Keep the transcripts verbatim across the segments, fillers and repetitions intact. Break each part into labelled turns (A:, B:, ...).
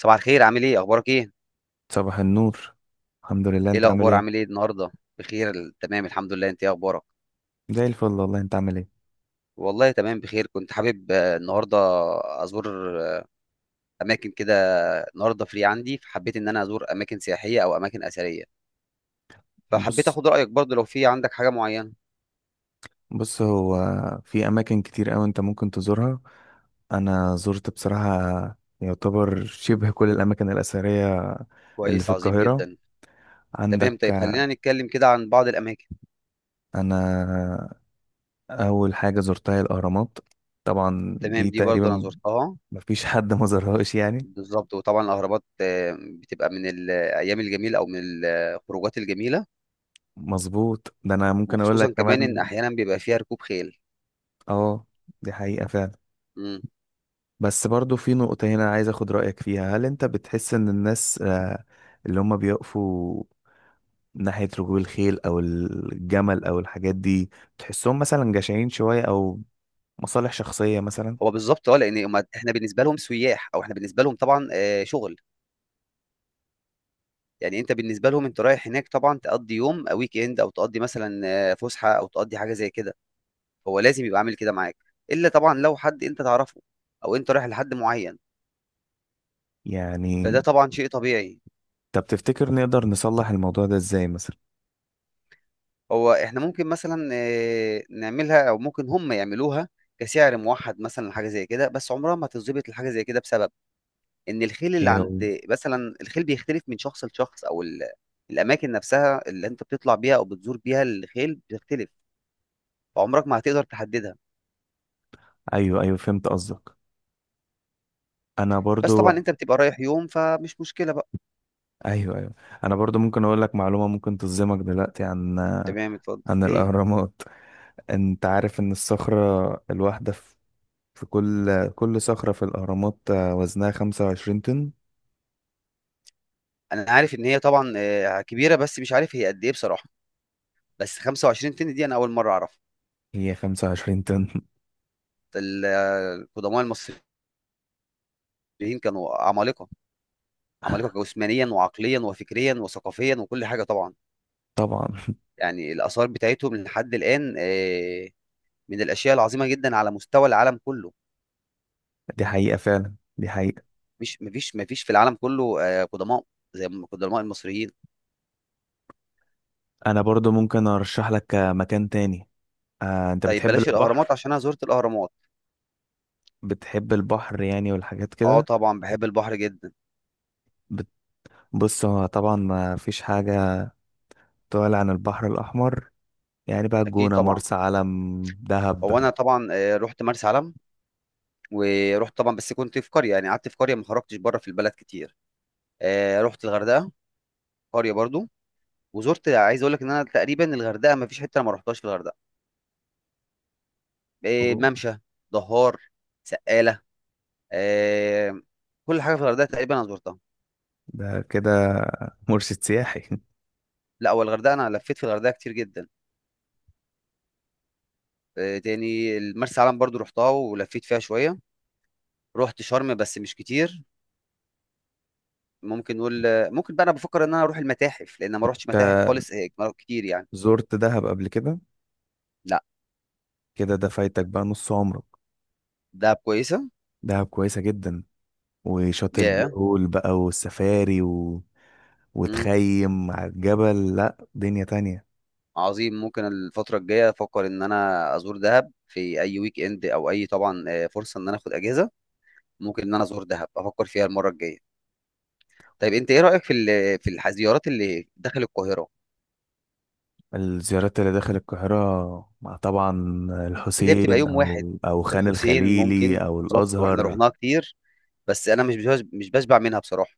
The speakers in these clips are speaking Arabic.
A: صباح الخير، عامل ايه، اخبارك ايه؟
B: صباح النور. الحمد لله،
A: ايه
B: انت عامل
A: الاخبار،
B: ايه؟
A: عامل ايه النهارده؟ بخير، ال- تمام الحمد لله، انت ايه اخبارك؟
B: زي الفل والله، انت عامل ايه؟
A: والله تمام بخير. كنت حابب آه، النهارده ازور آه، اماكن كده. النهارده فري عندي، فحبيت ان انا ازور اماكن سياحيه او اماكن اثريه، فحبيت
B: بص
A: اخد رايك برضه لو في عندك حاجه معينه.
B: بص هو في اماكن كتير قوي انت ممكن تزورها. انا زرت بصراحة يعتبر شبه كل الاماكن الاثرية اللي
A: كويس،
B: في
A: عظيم
B: القاهرة.
A: جدا.
B: عندك
A: تمام، طيب خلينا نتكلم كده عن بعض الاماكن.
B: انا اول حاجة زرتها هي الاهرامات، طبعا
A: تمام،
B: دي
A: دي برضه انا
B: تقريبا
A: زرتها.
B: مفيش حد ما زارهاش يعني.
A: بالظبط، وطبعا الاهرامات آه، بتبقى من الايام الجميله او من الخروجات الجميله.
B: مظبوط، ده انا ممكن اقول
A: وخصوصا
B: لك
A: كمان ان
B: كمان،
A: احيانا بيبقى فيها ركوب خيل.
B: اه دي حقيقة فعلا.
A: مم.
B: بس برضو في نقطة هنا عايز اخد رأيك فيها، هل انت بتحس ان الناس آه، اللي هم بيقفوا ناحية ركوب الخيل او الجمل او الحاجات دي، بتحسهم مثلا جشعين شوية او مصالح شخصية مثلا؟
A: هو بالظبط اه، لان هما- احنا بالنسبه لهم سياح، او احنا بالنسبه لهم طبعا آه، شغل. يعني انت بالنسبه لهم انت رايح هناك طبعا تقضي يوم او ويك اند، او تقضي مثلا آه، فسحه، او تقضي حاجه زي كده. هو لازم يبقى عامل كده معاك، الا طبعا لو حد انت تعرفه او انت رايح لحد معين، فده
B: يعني
A: طبعا شيء طبيعي.
B: طب تفتكر نقدر نصلح الموضوع ده ازاي مثلا؟
A: هو احنا ممكن مثلا آه، نعملها، او ممكن هم يعملوها كسعر موحد مثلا، حاجه زي كده، بس عمرها ما هتظبط الحاجه زي كده بسبب ان الخيل اللي
B: ايه
A: عند،
B: هو.
A: مثلا الخيل بيختلف من شخص لشخص، او ال... الاماكن نفسها اللي انت بتطلع بيها او بتزور بيها الخيل بتختلف، فعمرك ما هتقدر تحددها.
B: ايوه ايوه، فهمت قصدك. انا
A: بس
B: برضو.
A: طبعا انت بتبقى رايح يوم فمش مشكله بقى.
B: ايوه ايوه، انا برضو ممكن اقول لك معلومة ممكن تصدمك دلوقتي عن
A: تمام، اتفضل
B: عن
A: ايه.
B: الاهرامات. انت عارف ان الصخرة الواحدة في في كل كل صخرة في الأهرامات آه، وزنها خمسة وعشرين طن.
A: انا عارف ان هي طبعا آه، كبيره، بس مش عارف هي قد ايه بصراحه، بس خمسة وعشرين طن دي انا اول مره اعرفها.
B: هي خمسة وعشرين طن
A: ال- آه، القدماء المصريين كانوا عمالقه، عمالقه جسمانيا وعقليا وفكريا وثقافيا وكل حاجه طبعا.
B: طبعا.
A: يعني الاثار بتاعتهم لحد الان آه، من الاشياء العظيمه جدا على مستوى العالم كله.
B: دي حقيقة فعلا، دي حقيقة.
A: مش مفيش مفيش في العالم كله آه، قدماء زي ما قدماء المصريين.
B: أنا برضو ممكن أرشح لك آه، مكان تاني. آه، أنت
A: طيب
B: بتحب
A: بلاش الاهرامات
B: البحر؟
A: عشان انا زرت الاهرامات.
B: بتحب البحر يعني والحاجات
A: اه
B: كده؟
A: طبعا بحب البحر جدا.
B: بت- بص هو طبعا ما فيش حاجة تعلى عن البحر الأحمر، يعني بقى
A: اكيد
B: الجونة،
A: طبعا.
B: مرسى علم،
A: هو
B: دهب.
A: انا طبعا آه، رحت مرسى علم، ورحت طبعا، بس كنت في قريه، يعني قعدت في قريه ما خرجتش بره في البلد كتير. آه، رحت الغردقه، قريه برضو. وزرت، عايز اقول لك ان انا تقريبا الغردقه ما فيش حته أنا ما رحتهاش في الغردقه. آه،
B: أوه،
A: ممشى، دهار، سقاله، آه، كل حاجه في الغردقه تقريبا انا زرتها.
B: ده كده مرشد سياحي
A: لا هو الغردقه انا لفيت في الغردقه كتير جدا. آه، تاني مرسى علم برضو رحتها ولفيت فيها شويه. رحت شرم بس مش كتير. ممكن نقول آه، ممكن بقى، انا بفكر ان انا اروح المتاحف لان ما روحتش متاحف
B: أنت
A: خالص هيك ما- كتير يعني.
B: زرت دهب قبل كده؟
A: لا.
B: كده ده فايتك بقى نص عمرك.
A: دهب كويسه.
B: دهب كويسة جدا، وشاطئ
A: يا.
B: الهول بقى والسفاري و...
A: yeah.
B: وتخيم على الجبل، لا دنيا تانية.
A: عظيم، ممكن الفتره الجايه افكر ان انا ازور دهب في اي ويك اند، او اي طبعا آه، فرصه ان انا اخد اجازه. ممكن ان انا ازور دهب، افكر فيها المره الجايه. طيب انت ايه رايك في ال- في الزيارات اللي داخل القاهره
B: الزيارات اللي داخل القاهرة مع طبعا
A: اللي هي بتبقى
B: الحسين
A: يوم واحد؟
B: أو أو خان
A: الحسين
B: الخليلي
A: ممكن،
B: أو
A: بالظبط، واحنا
B: الأزهر.
A: رحناها كتير، بس انا مش بش- مش بشبع منها بصراحه.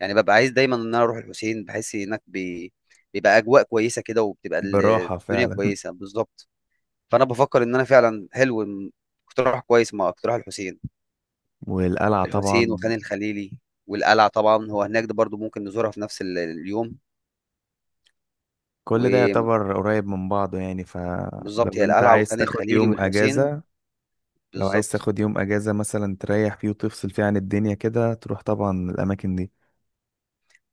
A: يعني ببقى عايز دايما ان انا اروح الحسين، بحس هناك بي... بيبقى اجواء كويسه كده، وبتبقى ال-
B: براحة
A: الدنيا
B: فعلا.
A: كويسه، بالظبط. فانا بفكر ان انا فعلا حلو إن- اقتراح كويس مع اقتراح الحسين.
B: والقلعة
A: الحسين
B: طبعا.
A: وخان الخليلي والقلعه طبعا، هو هناك ده برضو ممكن نزورها في نفس ال- اليوم.
B: كل ده
A: وبالظبط،
B: يعتبر قريب من بعضه يعني، فلو
A: هي
B: انت
A: القلعه
B: عايز
A: وخان
B: تاخد
A: الخليلي
B: يوم
A: والحسين،
B: اجازة، لو عايز
A: بالظبط.
B: تاخد يوم اجازة مثلا تريح فيه وتفصل فيه عن الدنيا كده، تروح طبعا الاماكن دي.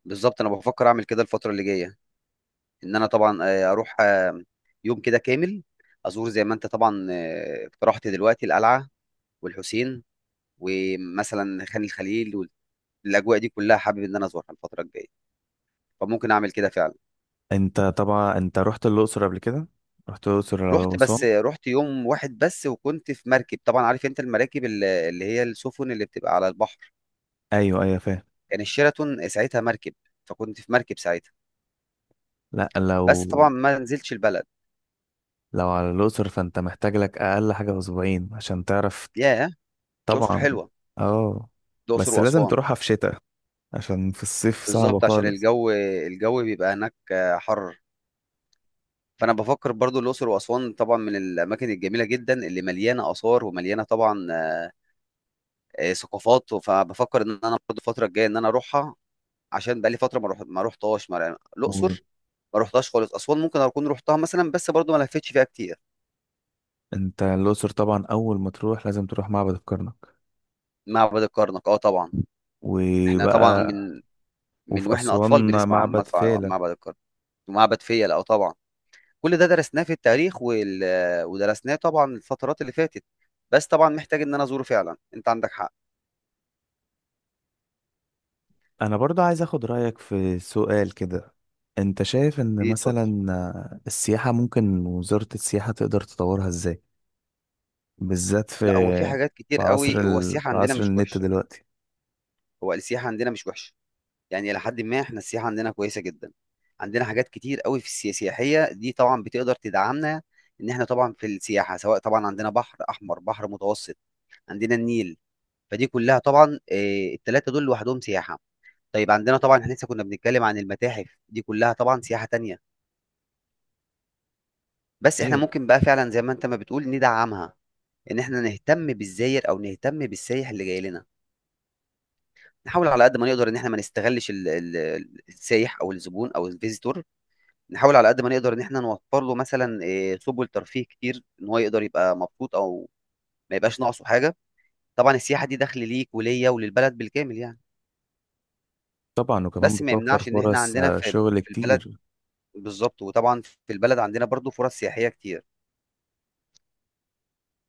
A: بالظبط، انا بفكر اعمل كده الفتره اللي جايه. ان انا طبعا آه، اروح آه، يوم كده كامل، ازور زي ما انت طبعا آه، اقترحت دلوقتي، القلعه والحسين ومثلا خان الخليل، والاجواء دي كلها حابب ان انا ازورها الفتره الجايه، فممكن اعمل كده فعلا.
B: انت طبعا انت رحت الاقصر قبل كده؟ رحت الاقصر او
A: رحت، بس
B: اسوان؟
A: رحت يوم واحد بس، وكنت في مركب، طبعا عارف انت المراكب ال- اللي هي السفن اللي بتبقى على البحر.
B: ايوه ايوه فاهم.
A: كان الشيراتون ساعتها مركب، فكنت في مركب ساعتها،
B: لا لو
A: بس طبعا ما نزلتش البلد.
B: لو على الاقصر فانت محتاج لك اقل حاجه اسبوعين عشان تعرف.
A: ياه، الاقصر
B: طبعا.
A: حلوه.
B: اه
A: الاقصر
B: بس لازم
A: واسوان.
B: تروحها في شتاء، عشان في الصيف صعبه
A: بالظبط عشان
B: خالص.
A: الجو، الجو بيبقى هناك آه، حر. فانا بفكر برضو الاقصر واسوان طبعا من الاماكن الجميله جدا، اللي مليانه اثار ومليانه طبعا آه، آه، ثقافات. فبفكر ان انا برضو الفتره الجايه ان انا اروحها، عشان بقالي فتره ما روح ما روحتهاش ما- يعني الاقصر ما روحتهاش خالص. اسوان ممكن اكون روحتها مثلا، بس برضو ما لفتش فيها كتير.
B: وانت الاقصر طبعا اول ما تروح لازم تروح معبد الكرنك.
A: معبد الكرنك اه طبعا. احنا طبعا
B: وبقى.
A: من من
B: وفي
A: واحنا اطفال
B: اسوان
A: بنسمع عن
B: معبد
A: مدفع
B: فيلة.
A: معبد الكرنك. ومعبد فيلة اه طبعا. كل ده درسناه في التاريخ وال... ودرسناه طبعا الفترات اللي فاتت، بس طبعا محتاج ان انا ازوره فعلا، انت عندك حق.
B: انا برضو عايز اخد رأيك في سؤال كده، انت شايف ان
A: ايه، اتفضل.
B: مثلا آه، السياحة ممكن وزارة السياحة تقدر تطورها ازاي؟ بالذات في
A: لا، هو في حاجات
B: في
A: كتير
B: عصر
A: قوي. هو
B: ال...
A: السياحة
B: في
A: عندنا
B: عصر
A: مش
B: النت
A: وحشة.
B: دلوقتي.
A: هو السياحة عندنا مش وحشة، يعني إلى حد ما إحنا السياحة عندنا كويسة جدا. عندنا حاجات كتير قوي في السيا- السياحية، دي طبعا بتقدر تدعمنا. إن إحنا طبعا في السياحة، سواء طبعا عندنا بحر أحمر، بحر متوسط، عندنا النيل، فدي كلها طبعا آه، التلاتة دول لوحدهم سياحة. طيب عندنا طبعا، إحنا لسه كنا بنتكلم عن المتاحف، دي كلها طبعا سياحة تانية. بس إحنا
B: ايوه
A: ممكن بقى فعلا زي ما أنت ما بتقول ندعمها، إن إحنا نهتم بالزائر أو نهتم بالسايح اللي جاي لنا. نحاول على قد ما نقدر إن إحنا ما نستغلّش ال ال السايح أو الزبون أو الvisitor، نحاول على قد ما نقدر إن إحنا نوفّر له مثلًا آآ سُبل ترفيه كتير، إن هو يقدر يبقى مبسوط أو ما يبقاش ناقصه حاجة. طبعًا السياحة دي دخْل ليك وليّا وللبلد بالكامل يعني.
B: طبعا، وكمان
A: بس ما
B: بتوفر
A: يمنعش إن إحنا
B: فرص
A: عندنا
B: آه،
A: في
B: شغل
A: في البلد،
B: كتير.
A: بالضبط، وطبعًا في البلد عندنا برضه فرص سياحية كتير.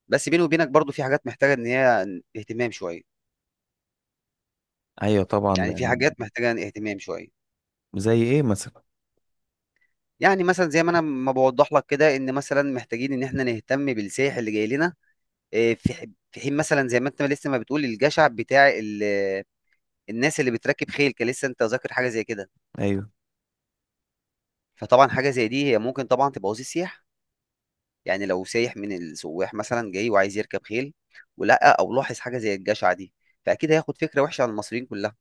A: بس بيني وبينك برضه في حاجات محتاجة إن هي اهتمام شوية،
B: ايوه طبعا،
A: يعني في
B: لان.
A: حاجات محتاجة اهتمام شوية.
B: زي ايه مثلا؟
A: يعني مثلًا زي ما أنا ما باوضّح لك كده، إن مثلًا محتاجين إن إحنا نهتم بالسايح اللي جاي لنا. آه، في ح- في حين مثلا زي ما انت لسه ما بتقول الجشع بتاع ال- الناس اللي بتركب خيل، كان لسه انت ذاكر حاجه زي كده.
B: ايوه.
A: فطبعا حاجه زي دي هي ممكن طبعا تبوظ السياح. يعني لو سايح من السواح مثلا جاي وعايز يركب خيل، ولقى او لاحظ حاجه زي الجشع دي، فاكيد هياخد فكره وحشه عن المصريين كلها.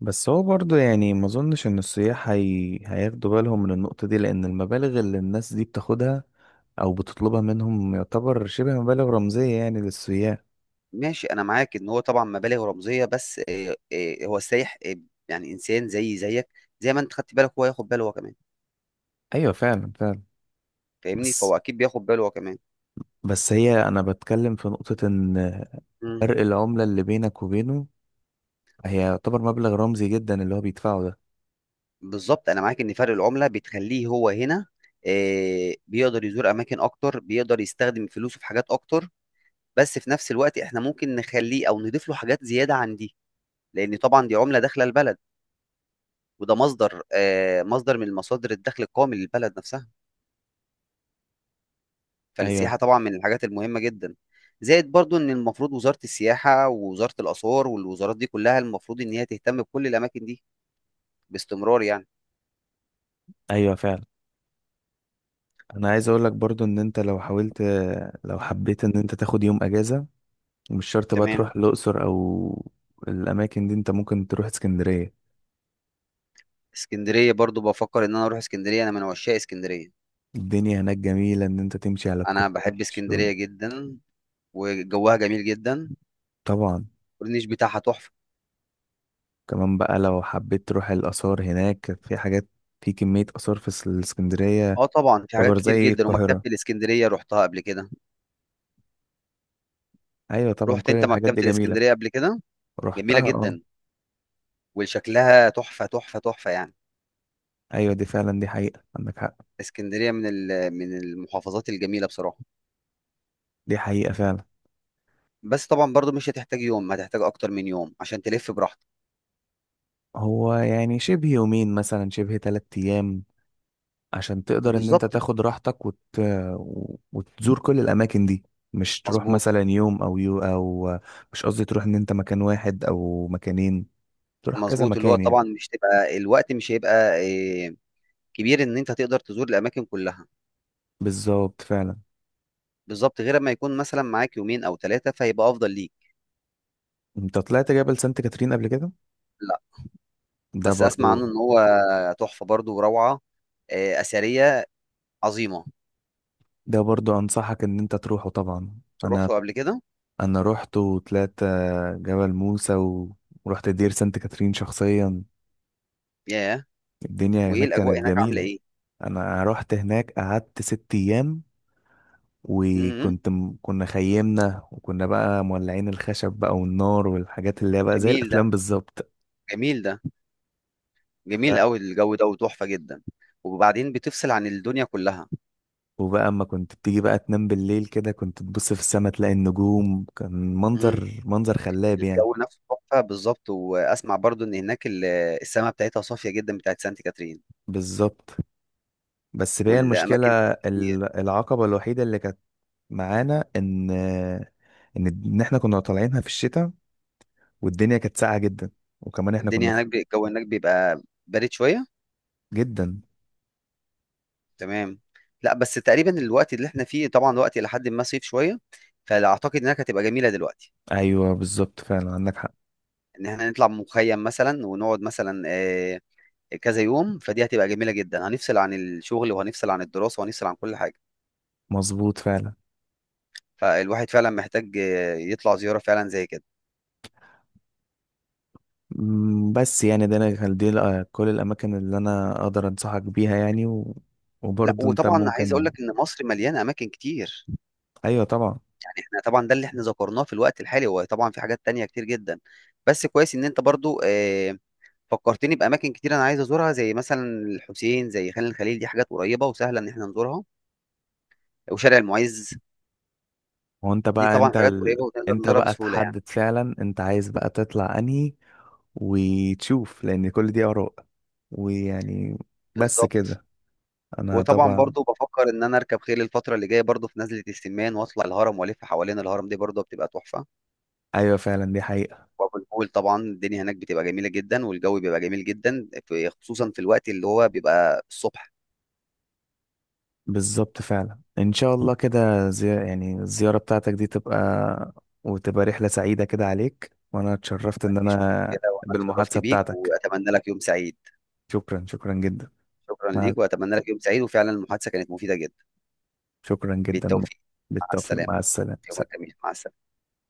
B: بس هو برضو يعني ما اظنش ان السياح هي... هياخدوا بالهم من النقطة دي، لان المبالغ اللي الناس دي بتاخدها او بتطلبها منهم يعتبر شبه مبالغ رمزية يعني للسياح.
A: ماشي، انا معاك ان هو طبعا مبالغ رمزيه، بس آه، آه، هو السايح آه، يعني انسان زي زيك زي ما انت خدت بالك هو ياخد باله هو كمان.
B: ايوه فعلا فعلا.
A: فاهمني،
B: بس.
A: فهو اكيد بياخد باله هو كمان.
B: بس هي انا بتكلم في نقطة ان
A: مم.
B: فرق العملة اللي بينك وبينه، هي يعتبر مبلغ رمزي جدا اللي هو بيدفعه ده.
A: بالظبط انا معاك ان فرق العمله بتخليه هو هنا آه، بيقدر يزور اماكن اكتر، بيقدر يستخدم فلوسه في حاجات اكتر. بس في نفس الوقت احنا ممكن نخليه او نضيف له حاجات زياده عن دي، لان طبعا دي عمله داخله البلد، وده مصدر آه، مصدر من مصادر الدخل القومي للبلد نفسها.
B: ايوه
A: فالسياحه طبعا من الحاجات المهمه جدا. زائد برضو ان المفروض وزاره السياحه ووزاره الاثار والوزارات دي كلها المفروض ان هي تهتم بكل الاماكن دي باستمرار يعني.
B: ايوه فعلا. انا عايز اقول لك برضو ان انت لو حاولت، لو حبيت ان انت تاخد يوم اجازة، مش شرط بقى
A: تمام.
B: تروح الاقصر او الاماكن دي، انت ممكن تروح اسكندرية.
A: اسكندريه برضو بفكر ان انا اروح اسكندريه، انا من عشاق اسكندريه.
B: الدنيا هناك جميلة ان انت تمشي على
A: انا بحب
B: الكورنيش و-
A: اسكندريه جدا، وجوها جميل جدا،
B: طبعا.
A: والنيش بتاعها تحفه.
B: كمان بقى لو حبيت تروح الاثار، هناك في حاجات، في كمية آثار في الإسكندرية
A: اه طبعا في حاجات
B: تعتبر
A: كتير
B: زي
A: جدا، ومكتبه
B: القاهرة.
A: الاسكندريه رحتها قبل كده.
B: أيوة طبعا،
A: رحت
B: كل
A: انت
B: الحاجات
A: مكتبه
B: دي جميلة.
A: الاسكندريه قبل كده؟ جميله
B: رحتها اه.
A: جدا، وشكلها تحفه تحفه تحفه يعني.
B: أيوة دي فعلا، دي حقيقة، عندك حق.
A: اسكندريه من ال- من المحافظات الجميله بصراحه.
B: دي حقيقة فعلا.
A: بس طبعا برضو مش هتحتاج يوم، هتحتاج اكتر من يوم عشان تلف براحتك.
B: هو يعني شبه يومين مثلا، شبه تلات أيام، عشان تقدر إن أنت
A: بالظبط.
B: تاخد راحتك وت... وتزور كل الأماكن دي. مش تروح
A: مظبوط.
B: مثلا يوم أو يو أو مش قصدي تروح إن أنت مكان واحد أو مكانين، تروح كذا
A: مظبوط، اللي هو
B: مكان يعني.
A: طبعا مش تبقى، الوقت مش هيبقى إيه، كبير ان انت تقدر تزور الاماكن كلها.
B: بالظبط فعلا.
A: بالظبط، غير ما يكون مثلا معاك يومين او ثلاثه فهيبقى افضل ليك.
B: أنت طلعت جبل سانت كاترين قبل كده؟
A: لا،
B: ده
A: بس اسمع عنه
B: برضو.
A: ان هو تحفه برضو وروعه، آه، اثريه، عظيمه.
B: ده برضو أنصحك إن أنت تروحه، طبعا أنا
A: رحته قبل كده.
B: انا رحت وطلعت آه، جبل موسى و- ورحت دير سانت كاترين شخصيا.
A: ياه.
B: الدنيا
A: وايه
B: هناك
A: الاجواء
B: كانت
A: هناك عامله
B: جميلة.
A: ايه؟
B: انا رحت هناك قعدت ست ايام،
A: امم
B: وكنت م- كنا خيمنا وكنا بقى مولعين الخشب بقى والنار والحاجات اللي هي بقى زي
A: جميل ده،
B: الافلام بالظبط.
A: جميل ده،
B: ف...
A: جميل قوي الجو ده وتحفه جدا. وبعدين بتفصل عن الدنيا كلها.
B: وبقى اما كنت بتيجي بقى تنام بالليل كده، كنت تبص في السماء تلاقي النجوم، كان
A: امم
B: منظر منظر خلاب يعني.
A: الجو نفسه تحفه بالظبط. واسمع برضو ان هناك ال- السماء بتاعتها صافيه جدا بتاعت سانت كاترين.
B: بالظبط. بس بقى المشكلة
A: والاماكن،
B: ال- العقبة الوحيدة اللي كانت معانا ان ان ان احنا كنا طالعينها في الشتاء، والدنيا كانت ساقعه جدا، وكمان احنا كنا
A: الدنيا
B: في.
A: هناك الجو هناك بيبقى بارد شويه.
B: جدا.
A: تمام. لا بس تقريبا الوقت اللي احنا فيه طبعا وقت الى حد ما صيف شويه، فاعتقد انها هتبقى جميله دلوقتي.
B: ايوه بالظبط فعلا، عندك حق.
A: ان احنا نطلع مخيم مثلا ونقعد مثلا آه، كذا يوم، فدي هتبقى جميله جدا، هنفصل عن الشغل وهنفصل عن الدراسه وهنفصل عن كل حاجه.
B: مظبوط فعلا.
A: فالواحد فعلا محتاج آه، يطلع زياره فعلا زي كده.
B: أمم، بس يعني ده انا كان دي الأ- كل الاماكن اللي انا اقدر انصحك بيها يعني و...
A: لا،
B: وبرضه انت
A: وطبعا عايز اقول
B: ممكن.
A: لك ان مصر مليانه اماكن كتير.
B: ايوه طبعا.
A: يعني احنا طبعا ده اللي احنا ذكرناه في الوقت الحالي، هو طبعا في حاجات تانية كتير جدا. بس كويس ان انت برضو آه، فكرتني باماكن كتير انا عايز ازورها، زي مثلا الحسين، زي خان الخليل، دي حاجات قريبه وسهله ان احنا نزورها. وشارع المعز،
B: هو انت
A: دي
B: بقى
A: طبعا
B: انت
A: حاجات
B: ال...
A: قريبه ونقدر
B: انت
A: نزورها
B: بقى
A: بسهوله يعني.
B: تحدد فعلا انت عايز بقى تطلع انهي وتشوف، لان كل دي اراء، ويعني، بس
A: بالظبط.
B: كده. انا
A: وطبعا
B: طبعا.
A: برضو بفكر ان انا اركب خيل الفتره اللي جايه برضو في نزله السمان، واطلع الهرم والف حوالين الهرم، دي برضو بتبقى تحفه.
B: ايوه فعلا دي حقيقة.
A: وابو الهول طبعا، الدنيا هناك بتبقى جميله جدا، والجو بيبقى جميل جدا، في خصوصا في الوقت اللي هو بيبقى الصبح.
B: بالظبط فعلا، ان شاء الله كده زي... يعني الزيارة بتاعتك دي تبقى، وتبقى رحلة سعيدة كده عليك، وانا اتشرفت ان
A: مفيش
B: انا
A: مشكله، وانا اتشرفت
B: بالمحادثة
A: بيك،
B: بتاعتك.
A: واتمنى لك يوم سعيد.
B: شكرا، شكرا جدا.
A: شكرا
B: مع...
A: ليك، واتمنى لك يوم سعيد، وفعلا المحادثه كانت مفيده جدا.
B: شكرا جدا.
A: بالتوفيق. مع
B: بالتوفيق،
A: السلامة.
B: مع
A: يومك
B: السلامة.
A: جميل، مع السلامة.